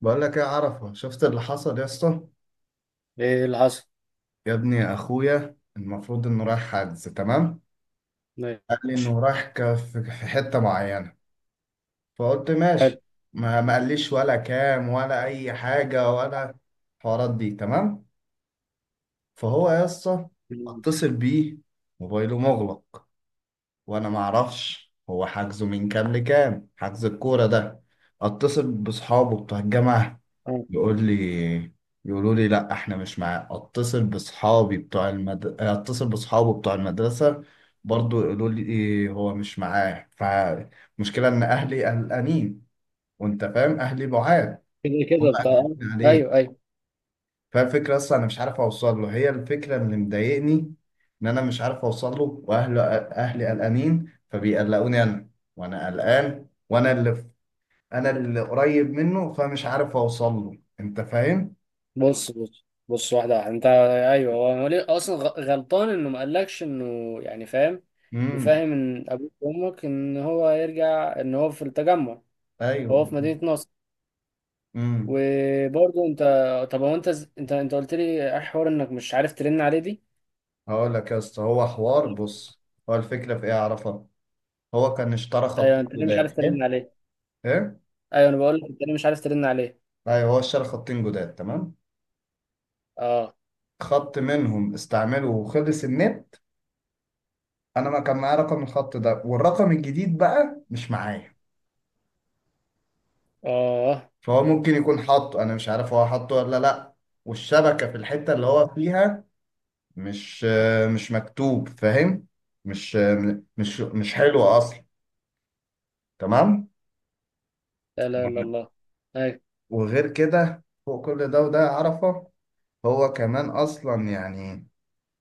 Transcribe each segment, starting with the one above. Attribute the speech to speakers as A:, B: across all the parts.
A: بقول لك ايه عرفه، شفت اللي حصل يا اسطى؟
B: ايه اللي حصل؟
A: يا ابني اخويا المفروض انه رايح حجز، تمام.
B: إيه.
A: قال لي انه رايح في حته معينه، فقلت
B: حلو.
A: ماشي. ما قاليش ولا كام ولا اي حاجه، ولا الحوارات دي، تمام. فهو يا اسطى، اتصل بيه، موبايله مغلق، وانا ما اعرفش هو حجزه من كام لكام، حجز الكوره ده. اتصل بصحابه بتوع الجامعه،
B: آه.
A: يقول لي، يقولوا لي لا احنا مش معاه. اتصل اتصل باصحابه بتوع المدرسه، برضو يقولوا لي إيه، هو مش معاه. فمشكله ان اهلي قلقانين، وانت فاهم اهلي بعاد،
B: كده
A: هم
B: كده بتاع.
A: قلقانين
B: ايوه،
A: عليه.
B: ايوه.
A: فالفكره اصلا انا مش عارف اوصل له، هي الفكره اللي مضايقني، ان انا مش عارف اوصل له، واهله اهلي قلقانين فبيقلقوني انا، وانا قلقان، وانا انا اللي قريب منه، فمش عارف اوصل له، انت فاهم؟
B: بص، بص، بص، واحده واحده. انت، ايوه، هو ليه اصلا غلطان انه ما قالكش انه، يعني فاهم؟
A: مم.
B: مفهم ان ابوك وامك ان هو يرجع، ان هو في التجمع، هو
A: ايوه.
B: في مدينه نصر.
A: امم.
B: وبرضه انت، طب هو انت انت قلت لي ايه حوار انك مش عارف ترن عليه دي؟
A: هقول لك يا اسطى، هو حوار، بص، هو الفكره في ايه اعرفها. هو كان اشترى
B: ايوه،
A: خطين
B: انت ليه مش
A: جداد،
B: عارف ترن
A: حلو،
B: عليه؟
A: ايه،
B: ايوه انا بقول لك، انت ليه مش عارف ترن عليه؟
A: ايوه، هو اشترى خطين جداد، تمام.
B: اه،
A: خط منهم استعمله وخلص النت، انا ما كان معايا رقم الخط ده، والرقم الجديد بقى مش معايا.
B: اه.
A: فهو ممكن يكون حاطه، انا مش عارف هو حاطه ولا لا، والشبكه في الحته اللي هو فيها مش مش مكتوب، فاهم، مش مش حلوه اصلا، تمام.
B: لا لا لا، الله. ايوه.
A: وغير كده، فوق كل ده، وده عرفة، هو كمان أصلا يعني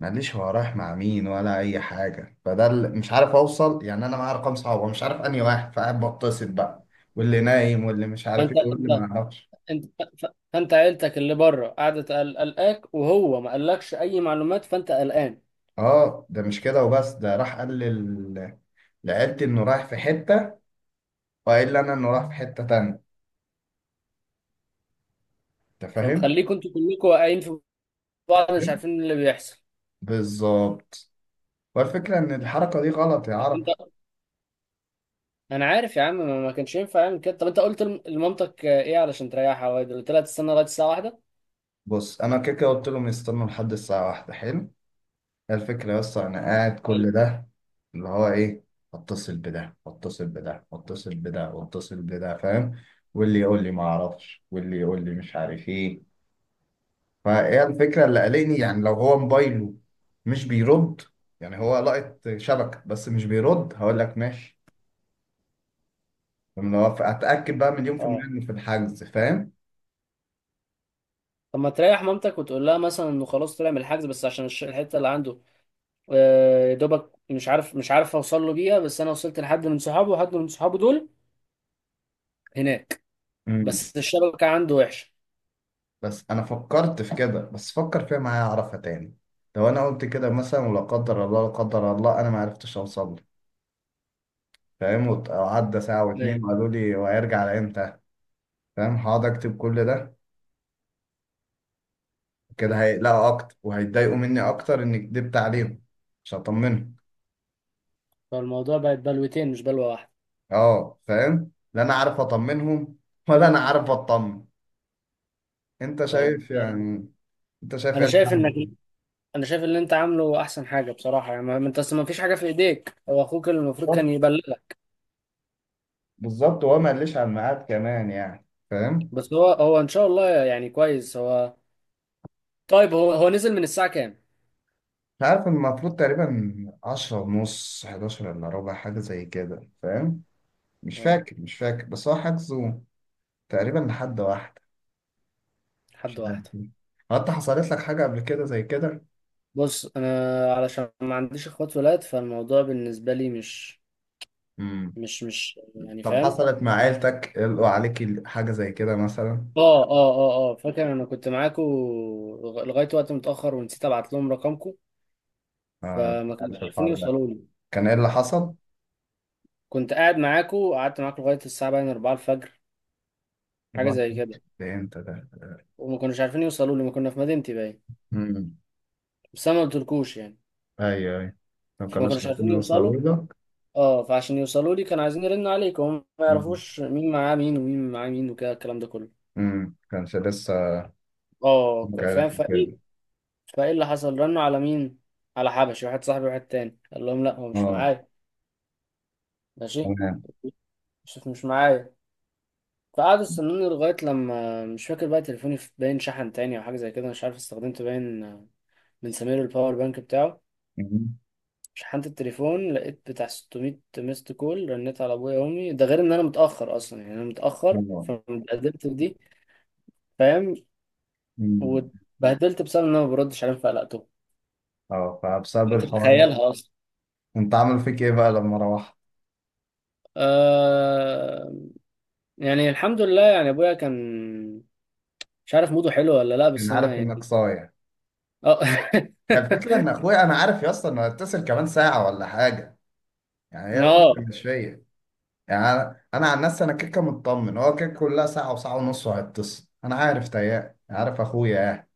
A: ماليش هو رايح مع مين ولا أي حاجة. فده اللي مش عارف أوصل، يعني أنا معايا أرقام صعبة، مش عارف أنهي واحد، فقاعد بتصل بقى، واللي نايم، واللي مش عارف
B: فانت
A: إيه، واللي ما أعرفش.
B: انت ف- فانت عيلتك اللي بره قاعده قلقاك، وهو ما قالكش اي معلومات، فانت قلقان.
A: أه ده مش كده وبس، ده راح قال لعيلتي إنه رايح في حتة، وقال لي أنا إنه رايح في حتة تانية، أنت فاهم؟
B: فمخليكم انتوا كلكم واقعين في بعض، مش
A: فاهم؟
B: عارفين اللي بيحصل.
A: بالظبط. والفكرة إن الحركة دي غلط يا
B: طب
A: عرف.
B: انت، انا عارف يا عم، ما كانش ينفع يعمل كده. طب انت قلت لمامتك، ايه، علشان تريحها، واد قلت لها تستنى لغايه الساعه واحدة؟
A: بص، أنا كده كده قلت لهم يستنوا لحد الساعة واحدة، حلو. الفكرة بس أنا قاعد
B: حلو.
A: كل ده، اللي هو إيه، أتصل بده، أتصل بده، أتصل بده، أتصل بده، فاهم، واللي يقول لي ما أعرفش، واللي يقول لي مش عارف إيه. فهي الفكرة اللي قلقني، يعني لو هو موبايله مش بيرد، يعني هو لقط شبكة بس مش بيرد، هقول لك ماشي. لما هو أتأكد بقى مليون في
B: اه.
A: المية إنه في الحجز، فاهم.
B: طب ما تريح مامتك وتقول لها مثلا انه خلاص طلع من الحجز، بس عشان الحته اللي عنده، يا دوبك مش عارف اوصل له بيها، بس انا وصلت لحد من صحابه، وحد من صحابه دول هناك،
A: امم.
B: بس الشبكه عنده وحشه.
A: بس أنا فكرت في كده، بس فكر فيها معايا أعرفها تاني. لو أنا قلت كده مثلا، ولا قدر الله لا قدر الله أنا ما عرفتش أوصل، فاهم، وعدى ساعة
B: ايوه.
A: واتنين وقالوا لي وهيرجع على امتى، فاهم، هقعد اكتب كل ده. كده
B: مم.
A: هيقلقوا اكتر، وهيتضايقوا مني اكتر اني كدبت عليهم، مش هطمنهم.
B: فالموضوع بقت بلوتين مش بلوة واحدة.
A: اه فاهم، لا انا عارف اطمنهم، ولا انا عارف اطمن. انت
B: طب.
A: شايف يعني، انت شايف ايه
B: انا شايف انك
A: الحل؟
B: انا شايف اللي انت عامله احسن حاجة بصراحة، يعني ما انت اصل ما فيش حاجة في ايديك، هو اخوك اللي المفروض كان
A: بالظبط.
B: يبلغك.
A: بالظبط، وهو ما قاليش على الميعاد كمان يعني، فاهم.
B: بس هو ان شاء الله يعني كويس. هو طيب، هو نزل من الساعة كام؟
A: مش عارف، المفروض تقريبا عشرة ونص، حداشر الا ربع، حاجة زي كده، فاهم. مش
B: اه.
A: فاكر، مش فاكر، بس هو حجزه تقريبا لحد واحد.
B: حد
A: مش عارف.
B: واحدة.
A: هو انت حصلت لك حاجة قبل كده زي كده؟
B: بص انا علشان ما عنديش اخوات ولاد، فالموضوع بالنسبة لي مش،
A: امم.
B: مش يعني
A: طب
B: فاهم.
A: حصلت مع
B: مش-
A: عيلتك، قالوا عليكي حاجة زي كده مثلا؟
B: اه، اه، اه، اه، فاكر انا كنت معاكم لغاية وقت متأخر ونسيت ابعت لهم رقمكم،
A: آه مش
B: فما كانوش
A: عارف
B: عارفين
A: الحوار ده،
B: يوصلوا لي.
A: كان ايه اللي حصل؟
B: كنت قاعد معاكو وقعدت معاكو لغاية الساعة باين 4 الفجر، حاجة
A: برضه.
B: زي كده،
A: ده انت ده.
B: وما كانوش عارفين يوصلوا لي، ما كنا في مدينتي باين.
A: امم.
B: بس أنا ما قلتلكوش يعني،
A: ايوه، ايوه، ما
B: فما
A: كانوش
B: كانوش
A: عارفين
B: عارفين يوصلوا.
A: يوصلوا لك.
B: اه، فعشان يوصلوا لي كانوا عايزين يرنوا عليك، وهم ما
A: امم.
B: يعرفوش مين معاه مين، ومين معاه مين، وكده الكلام ده كله.
A: امم. كانش لسه،
B: اه،
A: مش
B: فاهم.
A: عارف
B: فايه،
A: كده.
B: فايه اللي حصل؟ رنوا على مين؟ على حبشي واحد صاحبي، واحد تاني قال لهم لا هو مش
A: اه.
B: معايا. ماشي.
A: تمام.
B: شوف مش معايا. فقعدوا استنوني لغاية لما، مش فاكر بقى تليفوني باين شحن تاني أو حاجة زي كده، مش عارف، استخدمت باين بنسميله الباور بانك بتاعه،
A: امم.
B: شحنت التليفون لقيت بتاع 600 ميست كول. رنيت على ابويا وامي، ده غير ان انا متاخر اصلا يعني، انا متاخر،
A: اه.
B: فاتبهدلت في دي، فاهم،
A: أمم.
B: واتبهدلت بسبب ان انا ما بردش عليهم فقلقتهم.
A: آه، فبسبب
B: انت
A: الحوار ده،
B: تتخيلها اصلا.
A: انت عامل فيك ايه بقى لما روحت؟
B: آه يعني الحمد لله، يعني ابويا كان، مش عارف موده حلو ولا لا، بس
A: انا
B: انا
A: عارف انك
B: يعني
A: صايع.
B: اه.
A: هي الفكرة إن أخويا، أنا عارف يا اسطى إنه هيتصل كمان ساعة ولا حاجة، يعني هي
B: ما
A: الفكرة
B: اه
A: مش فيا. يعني أنا عن نفسي أنا كيكة مطمن، هو كيكة، كلها ساعة وساعة ونص وهيتصل، أنا عارف تيام، عارف أخويا يعني،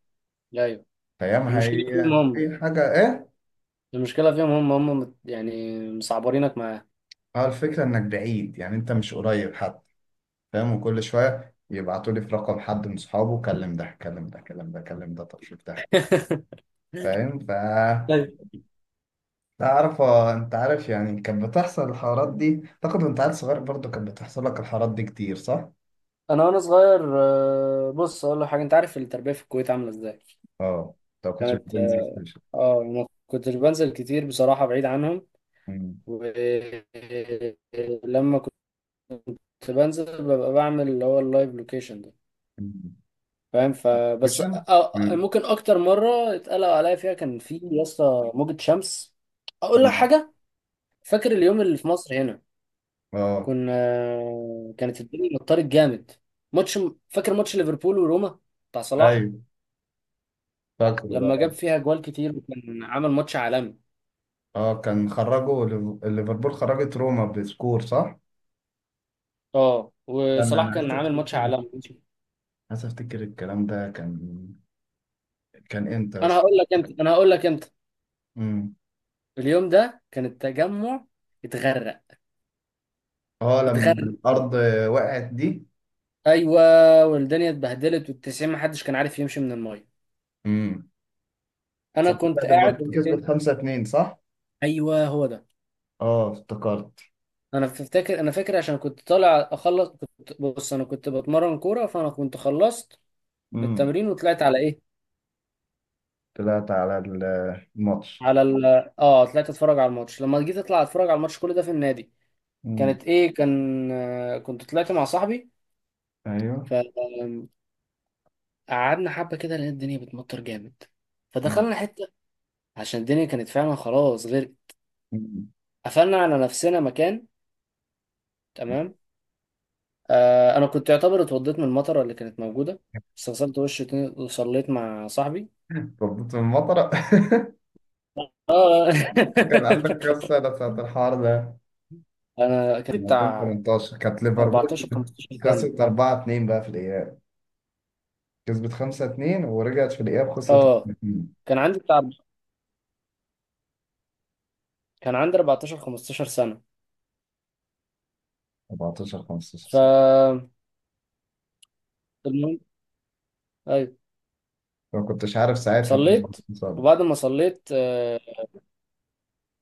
B: ايوه.
A: تيام
B: المشكله فيهم
A: هي
B: هم
A: أي حاجة إيه؟
B: المشكله فيهم، يعني مصعبرينك معاه.
A: هو الفكرة إنك بعيد، يعني أنت مش قريب حد، فاهم، وكل شوية يبعتوا لي في رقم حد من صحابه: كلم ده، كلم ده، كلم ده، كلم ده، طب شوف ده، فاهم، ف، تعرف انت عارف يعني كانت بتحصل الحوارات دي؟ اعتقد وانت عيل صغير برضه كانت بتحصل لك الحوارات دي كتير، صح؟
B: انا وانا صغير، بص اقول لك حاجه، انت عارف التربيه في الكويت عامله ازاي.
A: اه. طب كنتش
B: كانت
A: بتنزل
B: اه
A: ستيشن؟
B: آه، ما كنتش بنزل كتير بصراحه، بعيد عنهم،
A: مم.
B: ولما كنت بنزل ببقى بعمل اللي هو اللايف لوكيشن ده،
A: مم.
B: فاهم. فبس
A: ستيشن.
B: آه، آه،
A: مم.
B: ممكن اكتر مره اتقلق عليا فيها كان في يا اسطى موجه شمس. اقول لك
A: مم.
B: حاجه، فاكر اليوم اللي في مصر هنا؟
A: اه.
B: كنا آه، كانت الدنيا مطرت جامد، ماتش، فاكر ماتش ليفربول وروما بتاع صلاح،
A: ايوه. فاكره ده،
B: لما جاب
A: اه.
B: فيها جوال كتير وكان عامل ماتش عالمي؟
A: آه، كان خرجوا ليفربول، خرجت روما بسكور، صح؟
B: اه،
A: كان انا
B: وصلاح كان
A: عايز
B: عامل ماتش
A: افتكر،
B: عالمي.
A: عايز افتكر الكلام ده كان، كان امتى بس؟
B: انا هقول لك انت،
A: امم.
B: اليوم ده كان التجمع اتغرق،
A: اه، لما
B: اتغرق.
A: الارض وقعت دي.
B: ايوه، والدنيا اتبهدلت، والتسعين محدش كان عارف يمشي من المايه.
A: امم.
B: انا
A: ساعتها
B: كنت قاعد
A: ليفربول كسبت
B: فين؟
A: 5-2 صح؟
B: ايوه هو ده.
A: اه افتكرت.
B: انا فاكر عشان كنت طالع اخلص، كنت، بص انا كنت بتمرن كوره، فانا كنت خلصت من
A: امم.
B: التمرين وطلعت على ايه،
A: طلعت على الماتش.
B: على ال... اه طلعت اتفرج على الماتش. لما جيت اطلع اتفرج على الماتش، كل ده في النادي،
A: امم.
B: كانت ايه كان آه، كنت طلعت مع صاحبي،
A: ايوه.
B: فقعدنا حبه كده، لقيت الدنيا بتمطر جامد،
A: مم.
B: فدخلنا حته، عشان الدنيا كانت فعلا خلاص غير،
A: مم.
B: قفلنا على نفسنا مكان، تمام. آه، انا كنت يعتبر اتوضيت من المطره اللي كانت موجوده، بس غسلت وشي تاني وصليت مع صاحبي.
A: تربط في المطرة.
B: اه.
A: كان عندك كام سنة ساعة الحوار ده؟
B: انا كان
A: لما كنت
B: بتاع
A: 18، كانت ليفربول
B: 14 15 سنه.
A: خسرت 4-2 بقى في الإياب، كسبت 5-2 ورجعت في الإياب خسرت
B: اه،
A: 2.
B: كان عندي بتاع كان عندي 14 15 سنه،
A: 14 15
B: ف،
A: سنة.
B: المهم، ايوه،
A: ما كنتش عارف ساعتها كنت
B: صليت.
A: مصاب.
B: وبعد ما صليت آه،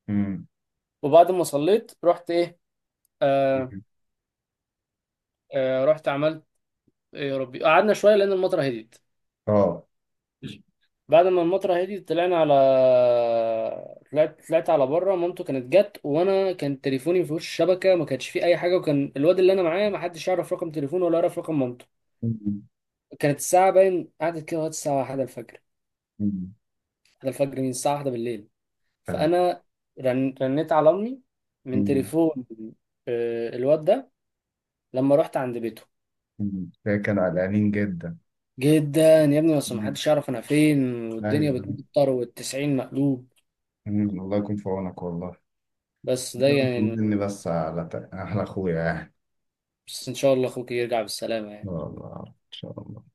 A: امم.
B: وبعد ما صليت، رحت ايه آه، آه، رحت عملت إيه، يا ربي، قعدنا شويه لان المطره هديت.
A: اه.
B: بعد ما المطره هديت طلعنا على، طلعت على بره. مامته كانت جت، وانا كان تليفوني ما فيهوش شبكه، ما كانش فيه اي حاجه، وكان الواد اللي انا معاه ما حدش يعرف رقم تليفونه ولا يعرف رقم مامته.
A: أمم.
B: كانت الساعه باين قعدت كده لغايه الساعه 1 الفجر،
A: أمم.
B: 1 الفجر، من الساعه 1 بالليل.
A: آه.
B: فانا رنيت على امي من
A: أمم.
B: تليفون، الواد ده، لما رحت عند بيته،
A: أمم. ده كان قلقانين جدا.
B: جدا يا ابني، بس
A: أمم.
B: محدش يعرف انا فين، والدنيا
A: ايوه.
B: بتمطر والتسعين مقلوب.
A: أمم. الله يكون في عونك والله.
B: بس ده
A: ربنا
B: يعني،
A: يطمني بس على اخويا يعني.
B: بس ان شاء الله اخوك يرجع بالسلامة يعني.
A: والله ان شاء الله.